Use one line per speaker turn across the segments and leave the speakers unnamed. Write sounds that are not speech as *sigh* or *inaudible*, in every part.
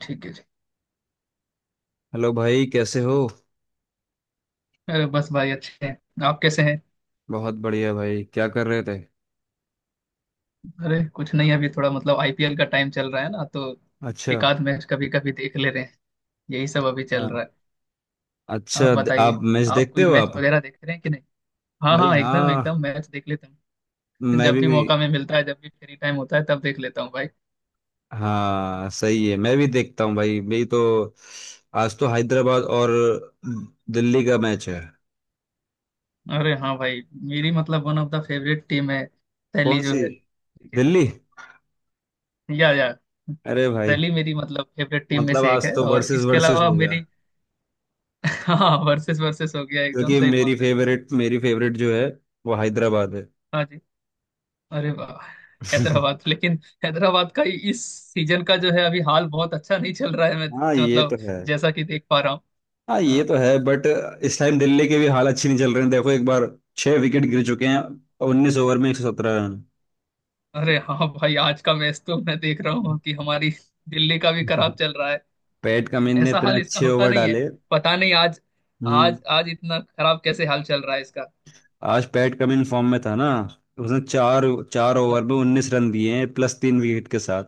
ठीक है। ठीक।
हेलो भाई कैसे हो।
अरे बस भाई, अच्छे हैं। आप कैसे हैं?
बहुत बढ़िया भाई क्या कर रहे थे।
अरे कुछ नहीं, अभी थोड़ा मतलब आईपीएल का टाइम चल रहा है ना, तो
अच्छा।
एक आध मैच कभी कभी देख ले रहे हैं। यही सब अभी चल
हाँ।
रहा है। आप
अच्छा,
बताइए,
आप मैच
आप
देखते
कोई
हो
मैच
आप।
वगैरह देख रहे हैं कि नहीं। हाँ
भाई
हाँ,
हाँ,
एकदम एकदम मैच देख लेता हूँ। *laughs*
मैं
जब
भी।
भी मौका में मिलता है, जब भी फ्री टाइम होता है तब देख लेता हूँ भाई।
हाँ सही है, मैं भी देखता हूँ भाई। मेरी तो आज तो हैदराबाद और दिल्ली का मैच है।
अरे हाँ भाई, मेरी मतलब one of the favourite team है
कौन
दिल्ली जो
सी
है, लेकिन
दिल्ली?
या
अरे भाई।
दिल्ली मेरी मतलब फेवरेट टीम में
मतलब
से एक
आज
है,
तो
और
वर्सेस
इसके
वर्सेस
अलावा
हो गया।
मेरी। *laughs* हाँ, वर्सेस वर्सेस हो गया, एकदम
क्योंकि
सही
मेरी
बोल रहे हो।
फेवरेट, मेरी फेवरेट जो है वो हैदराबाद है।
हाँ जी। अरे वाह।
*laughs*
हैदराबाद, लेकिन हैदराबाद का इस सीजन का जो है अभी हाल बहुत अच्छा नहीं चल रहा है। मैं
हाँ ये
मतलब
तो है।
जैसा कि देख पा रहा हूँ।
हाँ ये
हाँ,
तो है बट इस टाइम दिल्ली के भी हाल अच्छी नहीं चल रहे हैं। देखो एक बार, 6 विकेट गिर चुके हैं। 19 ओवर में 117 रन।
अरे हाँ भाई, आज का मैच तो मैं देख रहा हूँ कि हमारी दिल्ली का भी खराब
*laughs*
चल रहा है।
पैट कमिंस ने
ऐसा
इतने
हाल इसका
अच्छे
होता
ओवर
नहीं है।
डाले।
पता नहीं आज,
हम्म।
आज इतना खराब कैसे हाल चल रहा है इसका।
आज पैट कमिंस फॉर्म में था ना। उसने चार चार ओवर
अरे
में 19 रन दिए हैं प्लस 3 विकेट के साथ।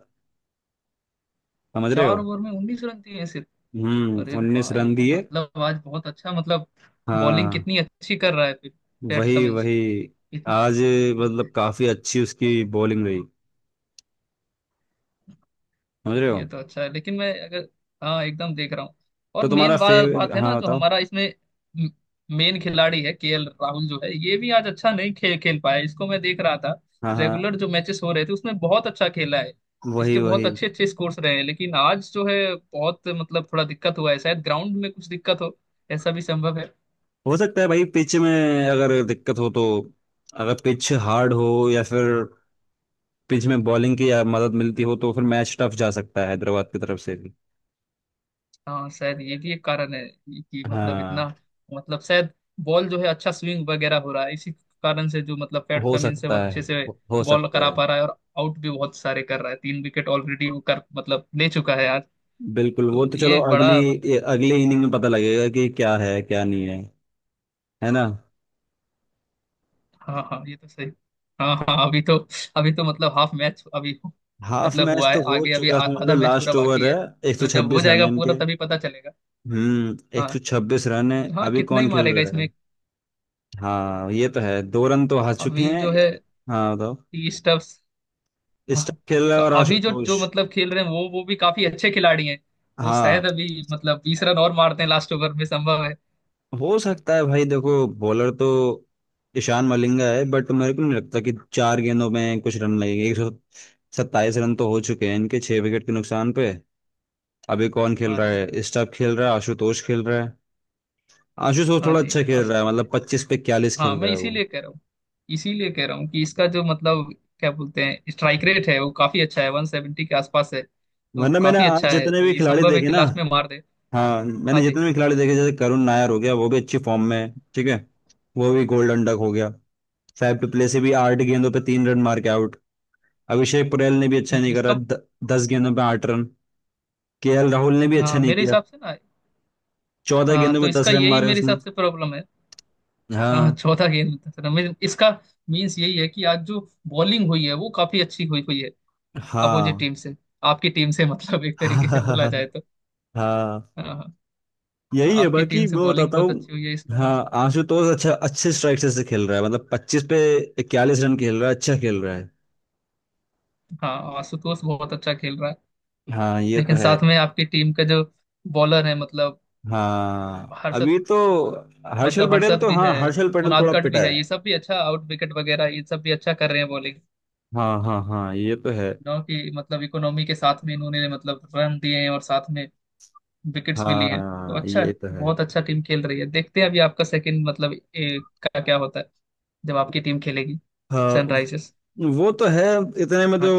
समझ रहे हो।
4 ओवर में 19 रन दिए सिर्फ? अरे
उन्नीस
वाह, ये
रन
तो
दिए।
मतलब आज बहुत अच्छा मतलब बॉलिंग
हाँ।
कितनी अच्छी कर रहा है फिर पैट
वही
कमिंस।
वही।
इतनी,
आज मतलब काफी अच्छी उसकी बॉलिंग रही। समझ रहे हो।
ये तो अच्छा है। लेकिन मैं अगर, हाँ एकदम देख रहा हूँ।
तो
और
तुम्हारा
मेन बात
फेवर?
बात है ना,
हाँ
जो
बताओ।
हमारा इसमें मेन खिलाड़ी है केएल राहुल जो है, ये भी आज अच्छा नहीं खेल खेल पाया, इसको मैं देख रहा था।
हाँ हाँ।
रेगुलर जो मैचेस हो रहे थे उसमें बहुत अच्छा खेला है।
वही
इसके बहुत
वही।
अच्छे अच्छे स्कोर्स रहे हैं, लेकिन आज जो है बहुत मतलब थोड़ा दिक्कत हुआ है। शायद ग्राउंड में कुछ दिक्कत हो, ऐसा भी संभव है।
हो सकता है भाई, पिच में अगर दिक्कत हो तो, अगर पिच हार्ड हो या फिर पिच में बॉलिंग की या मदद मिलती हो तो फिर मैच टफ जा सकता है हैदराबाद की तरफ से भी।
हाँ, शायद ये भी एक कारण है कि मतलब इतना
हाँ
मतलब शायद बॉल जो है अच्छा स्विंग वगैरह हो रहा है, इसी कारण से जो मतलब पैट
हो
कमिंस है वो
सकता है।
अच्छे से
हो
बॉल
सकता
करा
है।
पा रहा है, और आउट भी बहुत सारे कर रहा है। 3 विकेट ऑलरेडी वो कर मतलब ले चुका है आज।
बिल्कुल, वो
तो
तो
ये
चलो
एक
अगली,
बड़ा
ये
मतलब।
अगले इनिंग में पता लगेगा कि क्या है क्या नहीं है, है ना।
हाँ हाँ, ये तो सही। हाँ हाँ, अभी तो, मतलब हाफ मैच अभी
हाफ
मतलब
मैच
हुआ
तो
है,
हो
आगे अभी
चुका समझ लो,
आधा मैच पूरा
लास्ट ओवर
बाकी
है।
है।
एक सौ
तो जब हो
छब्बीस रन
जाएगा
है
पूरा
इनके।
तभी पता चलेगा। हाँ
126 रन है।
हाँ,
अभी
कितना ही
कौन खेल
मारेगा
रहा है?
इसमें।
हाँ ये तो है, 2 रन तो हार चुके
अभी
हैं।
जो है
हाँ बताओ।
30। हाँ, हाँ।
स्टम्पिस
तो
और
अभी जो जो
आशुतोष।
मतलब खेल रहे हैं वो भी काफी अच्छे खिलाड़ी हैं। वो
हाँ।
शायद अभी मतलब 20 रन और मारते हैं लास्ट ओवर में, संभव है।
हो सकता है भाई, देखो बॉलर तो ईशान मलिंगा है बट मेरे को नहीं लगता कि 4 गेंदों में कुछ रन लगेंगे। 127 रन तो हो चुके हैं इनके 6 विकेट के नुकसान पे। अभी कौन खेल
हाँ
रहा
जी।
है? स्टम्प खेल रहा है, आशुतोष खेल रहा है। आशुतोष
हाँ
थोड़ा
जी,
अच्छा खेल रहा है, मतलब 25 पे 41
हाँ
खेल
मैं
रहा है वो।
इसीलिए कह रहा हूँ, कि इसका जो मतलब क्या बोलते हैं स्ट्राइक रेट है वो काफी अच्छा है, 170 के आसपास है। तो
वरना मैंने
काफी
आज
अच्छा है,
जितने
तो
भी
ये
खिलाड़ी
संभव है
देखे
कि
ना।
लास्ट में मार दे।
हाँ
हाँ
मैंने
जी।
जितने भी खिलाड़ी देखे, जैसे करुण नायर हो गया, वो भी अच्छी फॉर्म में है। ठीक है। वो भी गोल्डन डक हो गया। फैफ डुप्लेसी से भी 8 गेंदों पे 3 रन मार के आउट। अभिषेक पुरेल ने भी अच्छा नहीं करा,
इसका,
10 गेंदों पे 8 रन। केएल राहुल ने भी अच्छा
हाँ
नहीं
मेरे
किया।
हिसाब से ना।
चौदह
हाँ,
गेंदों
तो
में दस
इसका
रन
यही
मारे
मेरे
उसने।
हिसाब से प्रॉब्लम है। हाँ
हाँ
चौथा गेंद रमेश इसका मीन्स यही है कि आज जो बॉलिंग हुई है वो काफी अच्छी हुई हुई है। अपोजिट
हाँ।
टीम से, आपकी टीम से *laughs* मतलब
*laughs*
एक तरीके से बोला
हाँ
जाए तो।
हाँ।
हाँ हाँ, हाँ,
यही है
आपकी टीम
बाकी,
से
मैं
बॉलिंग
बताता
बहुत अच्छी हुई है इस
हूँ। हाँ
कारण से।
आशुतोष अच्छा, अच्छे स्ट्राइक से खेल रहा है। मतलब पच्चीस पे 41 रन खेल रहा है, अच्छा खेल रहा है।
हाँ, आशुतोष बहुत अच्छा खेल रहा है।
हाँ ये तो
लेकिन
है।
साथ में आपकी टीम का जो बॉलर है मतलब
हाँ
हर्षद,
अभी तो हर्षल
मतलब
पटेल
हर्षद
तो,
भी है,
हाँ हर्षल पटेल
उनाद
थोड़ा
कट
पिटा
भी है, ये
है।
सब भी अच्छा आउट विकेट वगैरह ये सब भी अच्छा कर रहे हैं बॉलिंग।
हाँ हाँ हाँ ये तो है।
नो कि मतलब इकोनॉमी के साथ में इन्होंने मतलब रन दिए हैं, और साथ में विकेट्स भी लिए हैं, तो
हाँ
अच्छा
ये
है,
तो है।
बहुत अच्छा टीम खेल रही है। देखते हैं अभी आपका सेकंड मतलब का क्या होता है, जब आपकी टीम खेलेगी,
हाँ
सनराइजर्स।
वो तो है। इतने में तो
हाँ,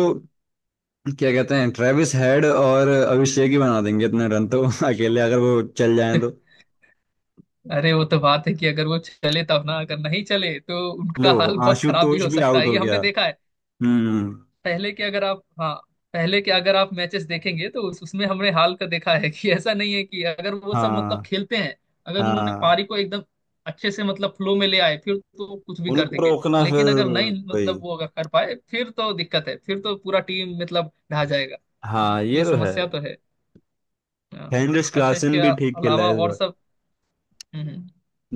क्या कहते हैं, ट्रेविस हेड और अभिषेक ही बना देंगे इतने रन तो। *laughs* अकेले अगर वो चल जाए तो।
अरे वो तो बात है कि अगर वो चले तब ना। अगर नहीं चले तो
लो,
उनका हाल बहुत खराब भी
आशुतोष
हो
भी
सकता
आउट
है, ये
हो गया।
हमने देखा है।
हम्म।
पहले के अगर आप, हाँ पहले के अगर आप मैचेस देखेंगे तो उसमें हमने हाल का देखा है कि ऐसा नहीं है कि अगर वो सब मतलब
हाँ
खेलते हैं, अगर उन्होंने
हाँ।
पारी को एकदम अच्छे से मतलब फ्लो में ले आए फिर तो कुछ भी कर
उनको
देंगे,
रोकना फिर।
लेकिन अगर नहीं
वही।
मतलब वो अगर कर पाए फिर तो दिक्कत है, फिर तो पूरा टीम मतलब ढह जाएगा।
हाँ ये
ये
तो है।
समस्या तो है। हाँ।
हेनरिच
अच्छा इसके
क्लासन भी ठीक खेला
अलावा
है इस
और
बार।
सब, हम्म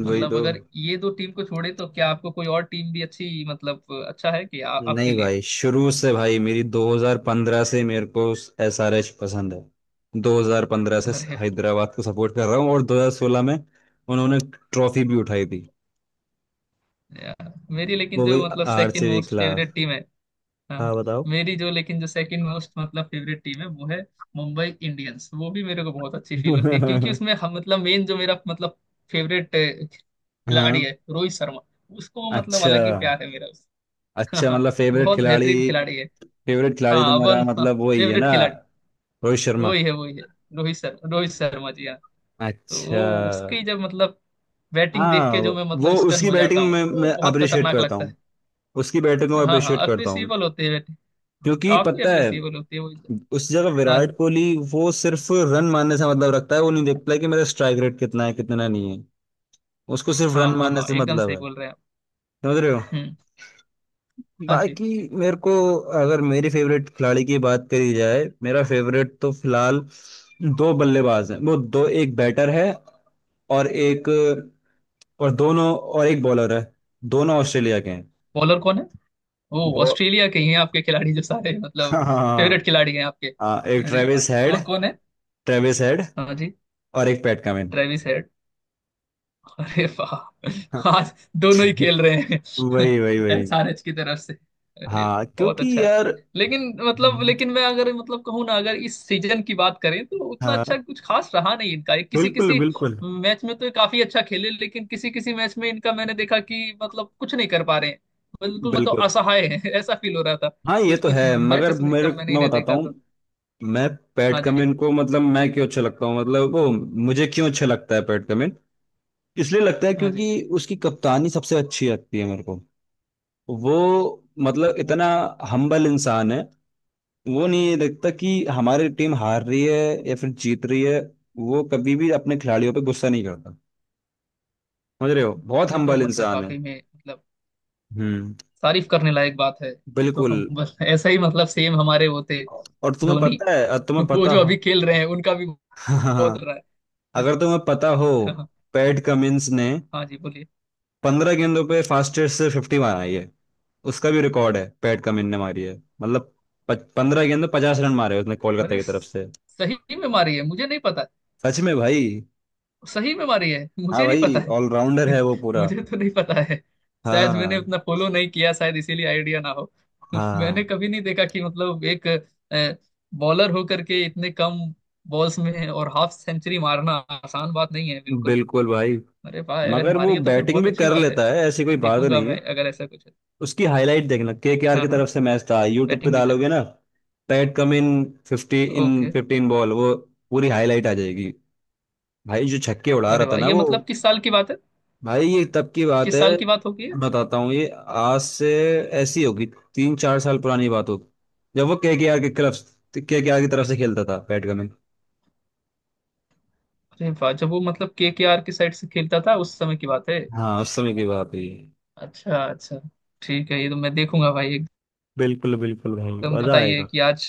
वही
मतलब
तो।
अगर ये दो टीम को छोड़े तो क्या आपको कोई और टीम भी अच्छी मतलब अच्छा है कि आपके
नहीं
लिए।
भाई, शुरू से भाई मेरी 2015 से मेरे को एसआरएच पसंद है। 2015 से
अरे
हैदराबाद को सपोर्ट कर रहा हूँ और 2016 में उन्होंने ट्रॉफी भी उठाई थी।
यार, मेरी लेकिन
वो भी
जो मतलब सेकंड
आरसीबी के
मोस्ट
खिलाफ।
फेवरेट टीम है, हाँ
हाँ बताओ।
मेरी जो लेकिन जो सेकंड मोस्ट मतलब फेवरेट टीम है वो है मुंबई इंडियंस। वो भी मेरे को बहुत अच्छी फील होती है, क्योंकि
*laughs*
उसमें हम मतलब मेन जो मेरा मतलब फेवरेट खिलाड़ी
हाँ।
है रोहित शर्मा, उसको मतलब
अच्छा।
अलग ही प्यार है मेरा उस। *laughs*
अच्छा,
हाँ,
मतलब फेवरेट
बहुत
खिलाड़ी?
बेहतरीन खिलाड़ी है।
फेवरेट खिलाड़ी
हाँ
तुम्हारा
वन
मतलब वही है
फेवरेट
ना,
खिलाड़ी
रोहित शर्मा।
वही है, वही है रोहित शर्मा, रोहित शर्मा जी। हाँ, तो
अच्छा।
वो उसकी जब मतलब बैटिंग देख
हाँ,
के जो मैं
वो
मतलब स्टन
उसकी
हो जाता
बैटिंग
हूँ,
में
वो
मैं
बहुत
अप्रिशिएट
खतरनाक
करता
लगता
हूँ। उसकी बैटिंग को
है। हाँ हाँ,
अप्रिशिएट करता हूँ
अप्रिसिएबल होते हैं बैटिंग। हाँ,
क्योंकि
काफी
पता है,
अप्रिसिएबल होती है वो।
उस जगह
हाँ
विराट
जी।
कोहली वो सिर्फ रन मारने से मतलब रखता है, वो नहीं देखता है कि मेरा स्ट्राइक रेट कितना है कितना नहीं है। उसको सिर्फ
हाँ
रन
हाँ
मारने
हाँ,
से
एकदम
मतलब
सही
है,
बोल रहे हैं आप।
समझ रहे हो।
हम्म। हाँ जी।
बाकी मेरे को, अगर मेरी फेवरेट खिलाड़ी की बात करी जाए, मेरा फेवरेट तो फिलहाल दो बल्लेबाज हैं। वो दो, एक बैटर है और एक, और दोनों, और एक बॉलर है। दोनों ऑस्ट्रेलिया के हैं।
बॉलर कौन है? ओ,
वो
ऑस्ट्रेलिया के ही हैं आपके खिलाड़ी जो सारे
*laughs*
मतलब
हाँ
फेवरेट
हाँ,
खिलाड़ी हैं आपके?
हाँ, एक
अरे वाह,
ट्रेविस हेड।
कौन कौन है?
ट्रेविस हेड
हाँ जी।
और एक पैट कमिंस।
Travis Head. अरे वाह,
*laughs*
आज दोनों ही खेल रहे हैं
वही वही
*laughs*
वही।
एसआरएच की तरफ से। अरे
हाँ
वाह, बहुत
क्योंकि
अच्छा है।
यार।
लेकिन मतलब,
हम्म।
लेकिन मैं अगर मतलब कहूँ ना, अगर इस सीजन की बात करें तो उतना
हाँ
अच्छा कुछ खास रहा नहीं इनका। किसी
बिल्कुल
किसी
बिल्कुल।
मैच में तो ये काफी अच्छा खेले, लेकिन किसी किसी मैच में इनका मैंने देखा कि मतलब कुछ नहीं कर पा रहे हैं, बिल्कुल मतलब
बिल्कुल।
असहाय है *laughs* ऐसा फील हो रहा था
हाँ ये
कुछ
तो
कुछ
है मगर
मैचेस में
मेरे,
जब मैंने
मैं
इन्हें
बताता
देखा
हूँ।
तो।
मैं पैट
हाँ जी।
कमिंस को, मतलब मैं क्यों अच्छा लगता हूँ, मतलब वो मुझे क्यों अच्छा लगता है पैट कमिंस, इसलिए लगता है
हाँ जी।
क्योंकि उसकी कप्तानी सबसे अच्छी लगती है मेरे को। वो मतलब
ओ,
इतना हम्बल इंसान है। वो नहीं देखता कि हमारी टीम हार रही है या फिर जीत रही है। वो कभी भी अपने खिलाड़ियों पे गुस्सा नहीं करता। समझ रहे हो,
हाँ,
बहुत
ये तो
हम्बल
मतलब
इंसान है।
वाकई में मतलब
हम्म।
तारीफ करने लायक बात है। ये तो
बिल्कुल।
हम बस ऐसा ही मतलब सेम हमारे वो थे
और तुम्हें
धोनी,
पता है, और तुम्हें
वो
पता
जो
हो,
अभी खेल रहे हैं उनका भी
*laughs*
बहुत
हाँ,
रहा है।
अगर तुम्हें पता हो,
*laughs* हाँ,
पैट कमिंस ने
हाँ जी बोलिए।
15 गेंदों पे फास्टेस्ट से फिफ्टी मारी है। उसका भी रिकॉर्ड है, पैट कमिंस ने मारी है। मतलब 15 गेंदों 50 रन मारे उसने कोलकाता
अरे
की तरफ से।
सही में मारी है? मुझे नहीं पता।
सच में भाई।
सही में मारी है?
हाँ
मुझे नहीं पता
भाई,
है।
ऑलराउंडर है
*laughs*
वो पूरा।
मुझे तो नहीं पता है, शायद मैंने
हाँ
उतना फॉलो नहीं किया शायद इसीलिए आइडिया ना हो। *laughs*
हाँ।
मैंने कभी नहीं देखा कि मतलब एक बॉलर होकर के इतने कम बॉल्स में और हाफ सेंचुरी मारना आसान बात नहीं है बिल्कुल।
बिल्कुल भाई।
अरे भाई अगर
मगर
मारी
वो
है तो फिर
बैटिंग
बहुत
भी
अच्छी
कर
बात है।
लेता है, ऐसी कोई बात
देखूंगा
नहीं
मैं
है।
अगर ऐसा कुछ है।
उसकी हाईलाइट देखना, के आर की
हाँ हाँ,
तरफ से मैच था, यूट्यूब पे
बैटिंग भी कर।
डालोगे ना पैट कम इन fifty in
okay.
Fifteen ball, वो पूरी हाईलाइट आ जाएगी। भाई जो छक्के उड़ा रहा
अरे
था
वाह,
ना
ये
वो।
मतलब किस साल की बात है?
भाई ये तब की बात
किस साल
है।
की बात होगी ये?
बताता हूँ, ये आज से ऐसी होगी तीन चार साल पुरानी बात होगी। जब वो के आर के क्लब, के आर की तरफ से खेलता था पैट कम इन।
अरे वाह, जब वो मतलब KKR की साइड से खेलता था उस समय की बात है।
हाँ उस समय की बात है ये।
अच्छा अच्छा। ठीक है, ये तो मैं देखूंगा भाई।
बिल्कुल बिल्कुल भाई।
एकदम
मजा
बताइए
आएगा।
कि आज,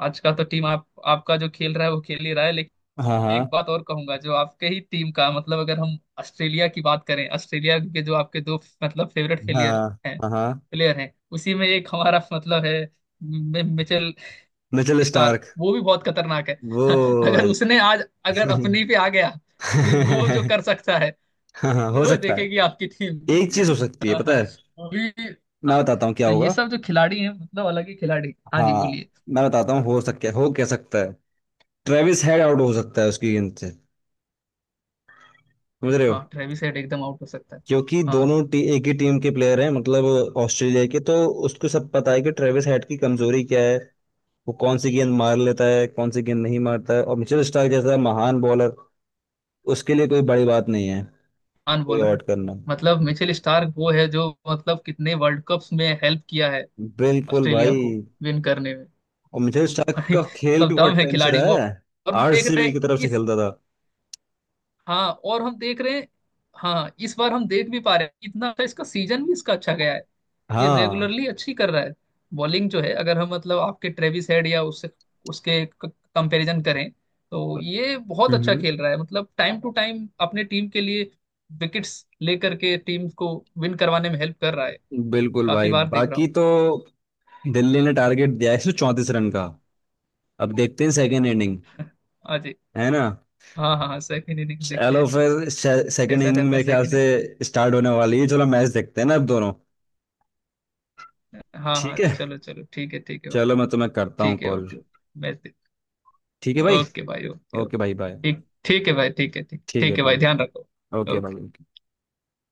आज का तो टीम आप आपका जो खेल रहा है वो खेल ही रहा है।
हाँ
एक
हाँ
बात और कहूंगा जो आपके ही टीम का मतलब, अगर हम ऑस्ट्रेलिया की बात करें, ऑस्ट्रेलिया के जो आपके दो मतलब फेवरेट
हाँ।
हैं
हाँ हाँ।
प्लेयर हैं उसी में एक हमारा मतलब है मिचेल
मिचेल
स्टार्क,
स्टार्क।
वो भी बहुत खतरनाक है।
वो
*laughs* अगर
भाई
उसने आज, अगर अपनी पे आ गया फिर वो जो कर
*laughs*
सकता है,
हाँ हाँ, हो
वो
सकता
देखेगी
है।
आपकी टीम भी।
एक चीज हो सकती
*laughs*
है,
हाँ
पता
हाँ,
है।
वो भी।
मैं
हाँ,
बताता हूँ क्या
तो ये
होगा।
सब जो खिलाड़ी हैं मतलब अलग ही खिलाड़ी। हाँ जी
हाँ
बोलिए।
मैं बताता हूँ हो सकता है, हो क्या सकता है। ट्रेविस हेड आउट हो सकता है उसकी गेंद से। समझ रहे हो।
हाँ, ट्रेविस हेड एकदम आउट हो सकता है।
क्योंकि
हाँ,
दोनों एक ही टीम के प्लेयर हैं, मतलब ऑस्ट्रेलिया के। तो उसको सब पता है कि ट्रेविस हेड की कमजोरी क्या है। वो कौन सी गेंद मार लेता है, कौन सी गेंद नहीं मारता है, और मिचेल स्टार्क जैसा महान बॉलर, उसके लिए कोई बड़ी बात नहीं है
महान
कोई
बॉलर है
आउट करना।
मतलब मिचेल स्टार्क, वो है जो मतलब कितने वर्ल्ड कप्स में हेल्प किया है
बिल्कुल
ऑस्ट्रेलिया
भाई।
को विन करने में।
और मिचेल
तो
स्टार्क
भाई
का खेल
मतलब
भी
दम
बहुत
है
टाइम से
खिलाड़ी में,
रहा
और
है।
हम देख रहे
आरसीबी
हैं
की तरफ से
इस,
खेलता था।
हाँ और हम देख रहे हैं। हाँ, इस बार हम देख भी पा रहे हैं, इतना अच्छा इसका सीजन भी, इसका अच्छा गया है। ये
हाँ।
रेगुलरली अच्छी कर रहा है बॉलिंग जो है, अगर हम मतलब आपके ट्रेविस हेड या उससे, उसके कंपैरिजन करें तो ये बहुत अच्छा
हम्म।
खेल रहा है मतलब टाइम टू टाइम अपने टीम के लिए विकेट्स लेकर के टीम को विन करवाने में हेल्प कर रहा है।
बिल्कुल
काफी
भाई,
बार देख रहा
बाकी
हूँ।
तो दिल्ली ने टारगेट दिया है 134 रन का। अब देखते हैं सेकेंड इनिंग,
हाँ जी।
है ना।
हाँ हाँ हाँ, सेकेंड इनिंग देखते
चलो
हैं फिर
फिर सेकेंड
कैसा
इनिंग
रहता है
मेरे ख्याल
सेकेंड
से स्टार्ट होने वाली है। चलो मैच देखते हैं ना अब दोनों।
इनिंग। हाँ
ठीक
हाँ,
है,
चलो चलो, ठीक है, ठीक है भाई।
चलो मैं तुम्हें करता हूँ
ठीक है,
कॉल।
ओके, मैच देख,
ठीक है भाई।
ओके भाई, ओके
ओके
ओके।
भाई बाय।
ठीक, ठीक है भाई, ठीक है, ठीक,
ठीक है
ठीक है भाई, ध्यान
ठीक।
रखो,
ओके
ओके।
भाई।